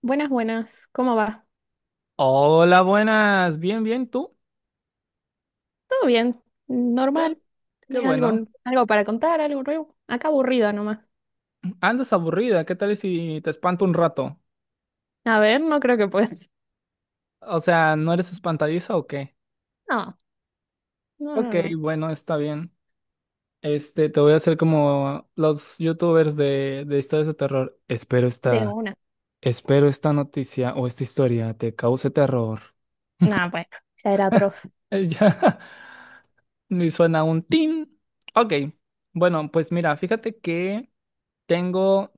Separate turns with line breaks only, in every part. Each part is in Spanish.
Buenas, buenas. ¿Cómo va?
Hola, buenas. Bien, bien, ¿tú?
¿Todo bien?
Qué,
¿Normal?
qué
¿Tenés algo,
bueno.
algo para contar? ¿Algo nuevo? Acá aburrida nomás.
Andas aburrida. ¿Qué tal si te espanto un rato?
A ver, no creo que puedas.
O sea, ¿no eres espantadiza o qué?
No, no,
Ok,
no, no.
bueno, está bien. Este, te voy a hacer como los youtubers de historias de terror.
De una.
Espero esta noticia o esta historia te cause terror.
No, bueno, ya era atroz.
Ya, me suena un tin. Ok, bueno, pues mira, fíjate que tengo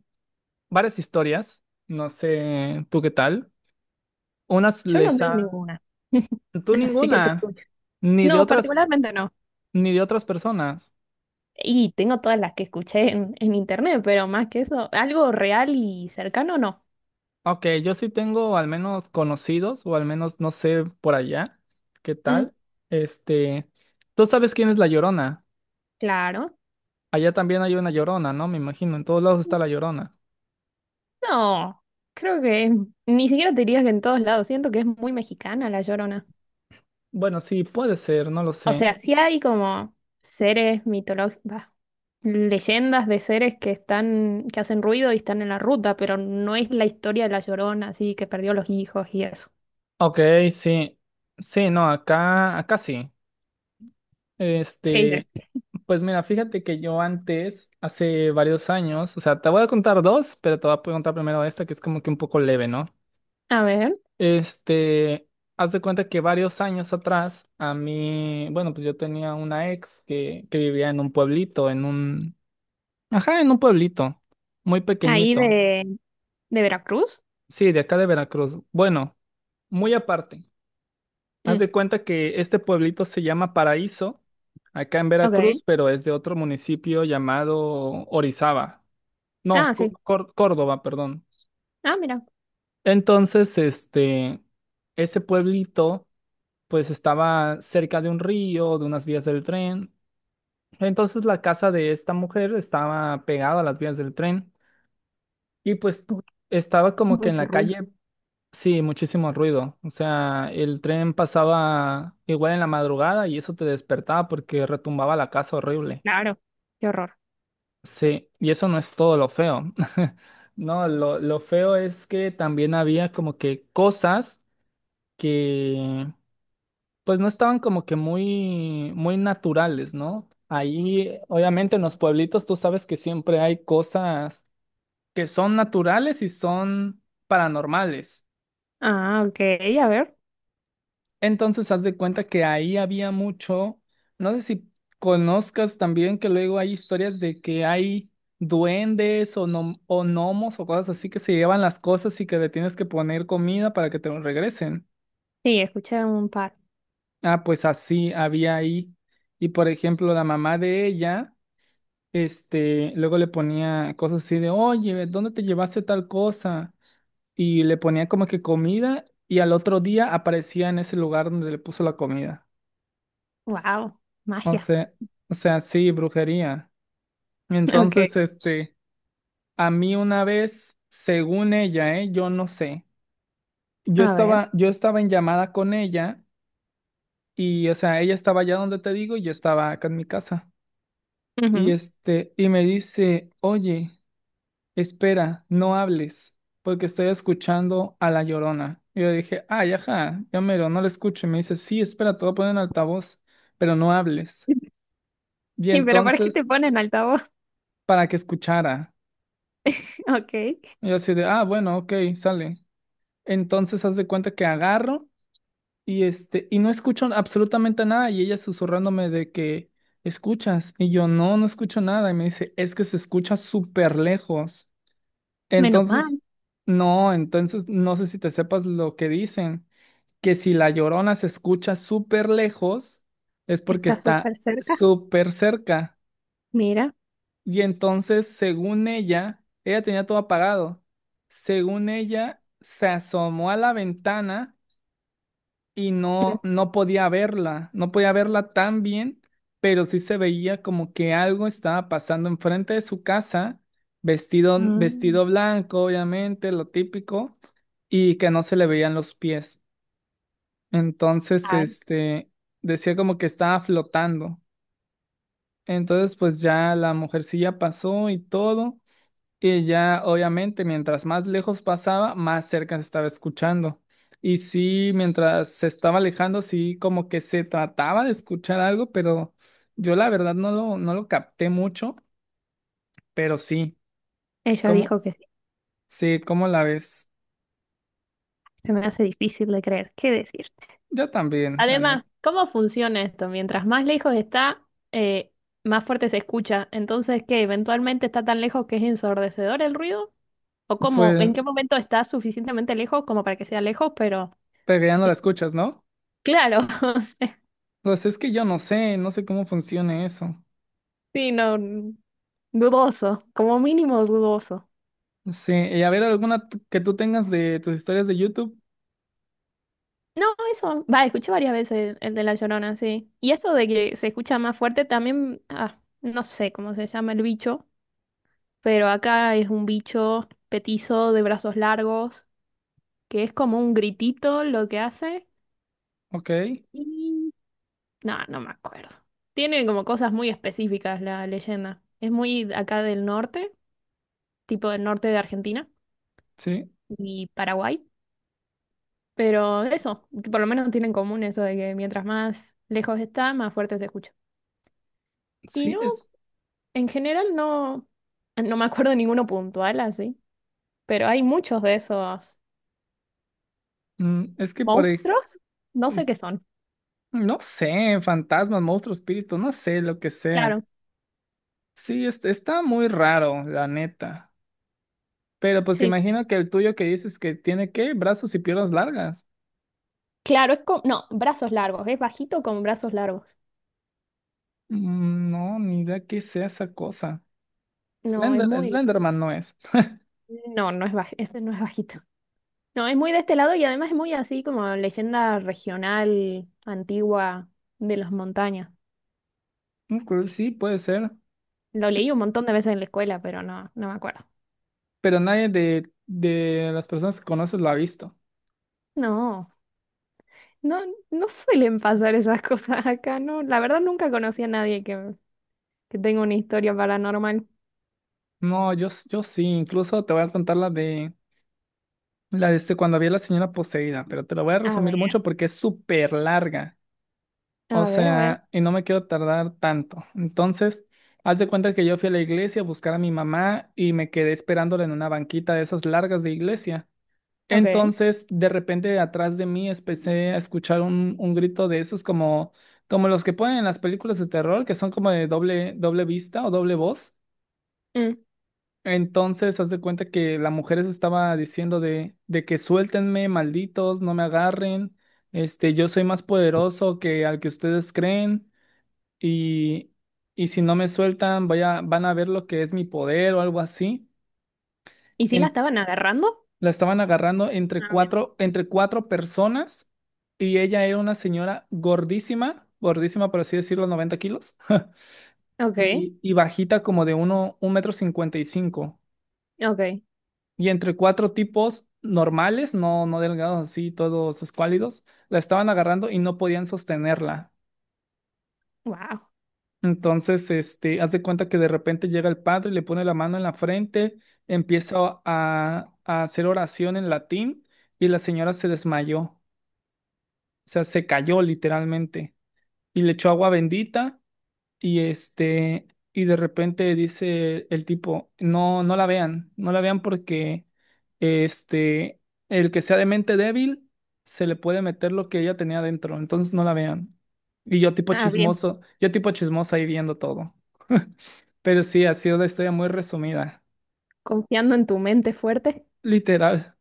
varias historias. No sé, ¿tú qué tal? Unas
Yo no
les
tengo
han...
ninguna.
Tú
Así que te
ninguna,
escucho.
ni de
No,
otras,
particularmente no.
ni de otras personas.
Y tengo todas las que escuché en internet, pero más que eso, algo real y cercano, no.
Ok, yo sí tengo al menos conocidos, o al menos no sé por allá, qué
Mm,
tal. Este, tú sabes quién es la Llorona.
claro.
Allá también hay una Llorona, ¿no? Me imagino, en todos lados está la Llorona.
No, creo que ni siquiera te diría que en todos lados. Siento que es muy mexicana la Llorona.
Bueno, sí, puede ser, no lo
O
sé.
sea, sí hay como seres mitológicos, leyendas de seres que están, que hacen ruido y están en la ruta, pero no es la historia de la Llorona, así que perdió los hijos y eso.
Ok, sí. Sí, no, acá, acá sí.
Sí,
Este,
sí.
pues mira, fíjate que yo antes, hace varios años, o sea, te voy a contar dos, pero te voy a contar primero esta que es como que un poco leve, ¿no?
A ver,
Este, haz de cuenta que varios años atrás, a mí, bueno, pues yo tenía una ex que vivía en un pueblito, ajá, en un pueblito, muy
ahí
pequeñito,
de Veracruz.
sí, de acá de Veracruz. Bueno, muy aparte, haz
Mm,
de cuenta que este pueblito se llama Paraíso, acá en
ok.
Veracruz, pero es de otro municipio llamado Orizaba. No,
Ah, sí.
Córdoba, perdón.
Ah, mira.
Entonces, este, ese pueblito, pues estaba cerca de un río, de unas vías del tren. Entonces, la casa de esta mujer estaba pegada a las vías del tren y pues
Uy,
estaba como que en
mucho
la
ruido.
calle, sí, muchísimo ruido. O sea, el tren pasaba igual en la madrugada y eso te despertaba porque retumbaba la casa horrible.
Claro. Qué horror.
Sí, y eso no es todo lo feo. No, lo feo es que también había como que cosas que pues no estaban como que muy, muy naturales, ¿no? Ahí, obviamente en los pueblitos tú sabes que siempre hay cosas que son naturales y son paranormales.
Ah, ok. A ver.
Entonces, haz de cuenta que ahí había mucho, no sé si conozcas también que luego hay historias de que hay duendes o, o gnomos o cosas así que se llevan las cosas y que le tienes que poner comida para que te lo regresen.
Sí, escuché un par.
Ah, pues así había ahí. Y por ejemplo, la mamá de ella, este, luego le ponía cosas así de, oye, ¿dónde te llevaste tal cosa? Y le ponía como que comida y al otro día aparecía en ese lugar donde le puso la comida.
Wow.
O
Magia.
sea, o sea, sí, brujería.
Ok.
Entonces, este, a mí una vez, según ella, ¿eh? Yo no sé.
A ver.
Yo estaba en llamada con ella y, o sea, ella estaba allá donde te digo y yo estaba acá en mi casa. Y
Ujú.
este, y me dice, oye, espera, no hables, porque estoy escuchando a La Llorona. Y yo dije, ay, ajá, ya mero, no la escucho. Y me dice, sí, espera, te voy a poner en altavoz, pero no hables. Y
¿Y pero para qué
entonces,
te ponen altavoz?
para que escuchara.
Ok.
Y yo así de, ah, bueno, ok, sale. Entonces haz de cuenta que agarro y este, y no escucho absolutamente nada. Y ella susurrándome de que escuchas. Y yo, no, no escucho nada. Y me dice, es que se escucha súper lejos.
Menos
Entonces,
mal.
no, entonces no sé si te sepas lo que dicen, que si la llorona se escucha súper lejos, es porque
Está
está
súper cerca.
súper cerca.
Mira.
Y entonces, según ella, ella tenía todo apagado. Según ella, se asomó a la ventana y no, no podía verla, no podía verla tan bien, pero sí se veía como que algo estaba pasando enfrente de su casa,
Mm.
vestido blanco, obviamente, lo típico, y que no se le veían los pies. Entonces,
Ay,
este, decía como que estaba flotando. Entonces, pues ya la mujercilla pasó y todo. Y ya, obviamente, mientras más lejos pasaba, más cerca se estaba escuchando. Y sí, mientras se estaba alejando, sí, como que se trataba de escuchar algo, pero yo la verdad no lo capté mucho, pero sí,
ella
¿cómo?
dijo que sí.
Sí, ¿cómo la ves?
Se me hace difícil de creer. ¿Qué decirte?
Yo también, la
Además,
neta.
¿cómo funciona esto? Mientras más lejos está, eh, más fuerte se escucha. Entonces, ¿qué? ¿Eventualmente está tan lejos que es ensordecedor el ruido? ¿O cómo? ¿En
Pues,
qué momento está suficientemente lejos como para que sea lejos? Pero
pero ya no
mm,
la escuchas, ¿no?
claro, o sea,
Pues es que yo no sé, no sé cómo funcione eso.
sí, no, dudoso, como mínimo dudoso.
No sé, y a ver, que tú tengas de tus historias de YouTube,
No, eso, va, escuché varias veces el de La Llorona, sí. Y eso de que se escucha más fuerte también, ah, no sé cómo se llama el bicho, pero acá es un bicho petizo de brazos largos, que es como un gritito lo que hace.
ok,
Y no, no me acuerdo. Tiene como cosas muy específicas la leyenda. Es muy de acá del norte, tipo del norte de Argentina
sí,
y Paraguay. Pero eso, por lo menos tienen en común eso de que mientras más lejos está, más fuerte se escucha. Y
sí,
no.
es,
En general no, no me acuerdo de ninguno puntual así, pero hay muchos de esos
mm, es que por ejemplo...
monstruos. No sé qué son.
No sé, fantasmas, monstruos, espíritus, no sé, lo que sea.
Claro,
Sí, está muy raro, la neta. Pero pues
sí, sí.
imagino que el tuyo que dices que tiene qué, brazos y piernas largas.
Claro, es como, no, brazos largos, es bajito con brazos largos.
Mm, no, ni idea qué sea esa cosa.
No, es
Slender,
muy,
Slenderman no es.
no, no es baj, este no es bajito. No, es muy de este lado y además es muy así como leyenda regional antigua de las montañas.
Ok, sí, puede ser.
Lo leí un montón de veces en la escuela, pero no, no me acuerdo.
Pero nadie de las personas que conoces lo ha visto.
No, no, no suelen pasar esas cosas acá, no. La verdad nunca conocí a nadie que que tengo una historia paranormal.
No, yo sí, incluso te voy a contar la de cuando vi a la señora poseída, pero te lo voy a
A
resumir
ver,
mucho porque es súper larga. O
a ver, a ver.
sea, y no me quiero tardar tanto. Entonces, haz de cuenta que yo fui a la iglesia a buscar a mi mamá y me quedé esperándola en una banquita de esas largas de iglesia.
Ok.
Entonces, de repente, atrás de mí empecé a escuchar un grito de esos como, como los que ponen en las películas de terror, que son como de doble, doble vista o doble voz.
Mm.
Entonces, haz de cuenta que la mujer se estaba diciendo de que suéltenme, malditos, no me agarren, este, yo soy más poderoso que al que ustedes creen y, y si no me sueltan, vaya, van a ver lo que es mi poder o algo así.
¿Y si la
En-
estaban agarrando?
la estaban agarrando
A ver,
entre cuatro personas y ella era una señora gordísima, gordísima por así decirlo, 90 kilos,
ok,
y bajita como 1,55 m.
ok.
Y entre cuatro tipos normales, no, no delgados así, todos escuálidos, la estaban agarrando y no podían sostenerla.
Wow.
Entonces, este, haz de cuenta que de repente llega el padre, le pone la mano en la frente, empieza a hacer oración en latín y la señora se desmayó, o sea, se cayó literalmente y le echó agua bendita y este, y de repente dice el tipo, no, no la vean, no la vean porque este, el que sea de mente débil se le puede meter lo que ella tenía dentro, entonces no la vean. Y
Ah, bien.
yo tipo chismoso ahí viendo todo. Pero sí, ha sido una historia muy resumida.
Confiando en tu mente fuerte.
Literal.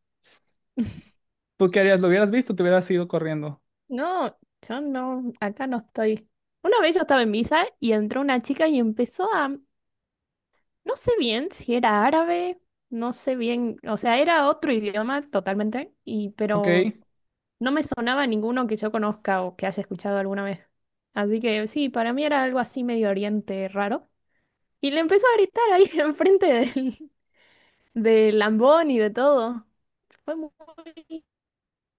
¿Tú qué harías? ¿Lo hubieras visto? Te hubieras ido corriendo.
No, yo no, acá no estoy. Una vez yo estaba en misa y entró una chica y empezó a, no sé bien si era árabe, no sé bien, o sea, era otro idioma totalmente, y
¿Ok?
pero no me sonaba ninguno que yo conozca o que haya escuchado alguna vez. Así que sí, para mí era algo así medio oriente raro. Y le empezó a gritar ahí enfrente del, del Lambón y de todo. Fue muy,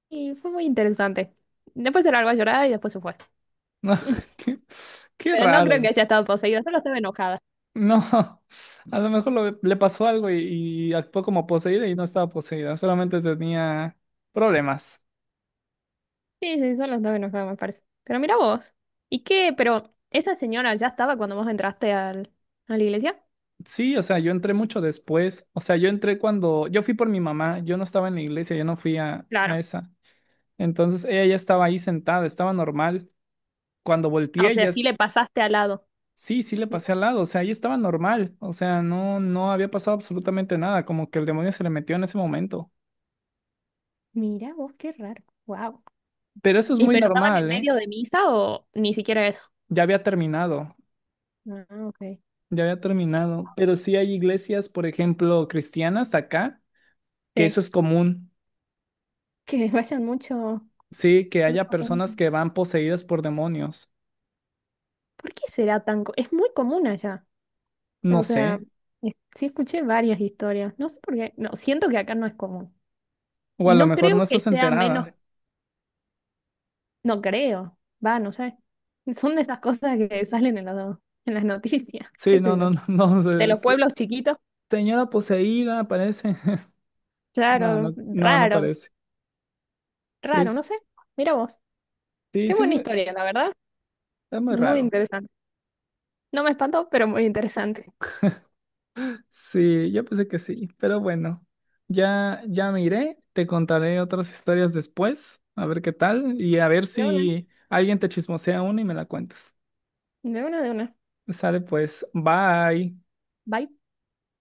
y fue muy interesante. Después se largó a llorar y después se fue.
No, qué, qué
Pero no creo
raro.
que haya estado poseída, solo estaba enojada.
No, a lo mejor le pasó algo y actuó como poseída y no estaba poseída, solamente tenía problemas.
Sí, sí, solo estaba enojada, me parece. Pero mira vos. ¿Y qué? Pero esa señora ya estaba cuando vos entraste al, a la iglesia.
Sí, o sea, yo entré mucho después. O sea, yo entré cuando yo fui por mi mamá, yo no estaba en la iglesia, yo no fui a
Claro.
esa. Entonces ella ya estaba ahí sentada, estaba normal. Cuando
Ah, o
volteé,
sea,
ya,
sí le pasaste al lado.
sí, sí le pasé al lado, o sea, ahí estaba normal, o sea, no, no había pasado absolutamente nada, como que el demonio se le metió en ese momento.
Mira vos, qué raro. Wow.
Pero eso es
¿Y
muy
pero estaban en
normal, ¿eh?
medio de misa o ni siquiera eso?
Ya había terminado,
Ah, ok.
ya había terminado. Pero sí hay iglesias, por ejemplo, cristianas de acá, que
Sí,
eso es común,
que vayan mucho,
sí, que haya
mucha gente.
personas que van poseídas por demonios.
¿Por qué será tan... co- Es muy común allá.
No
O
sé,
sea, es- sí escuché varias historias. No sé por qué. No, siento que acá no es común.
o a
Y
lo
no
mejor
creo
no
que
estás
sea menos... Ok.
enterada.
No creo. Va, no sé. Son de esas cosas que salen en las noticias. ¿Qué
Sí, no,
sé yo?
no, no, no
De
sé.
los pueblos chiquitos.
Señora poseída, parece. No,
Claro,
no, no, no
raro,
parece. Sí,
raro, no sé. Mira vos.
sí,
Qué
sí,
buena historia, la verdad.
es muy
Muy
raro.
interesante. No me espanto pero muy interesante.
Sí, yo pensé que sí, pero bueno, ya, ya me iré, te contaré otras historias después, a ver qué tal, y a ver
De una.
si alguien te chismosea una y me la cuentas.
De una, de una.
Sale pues, bye.
Bye.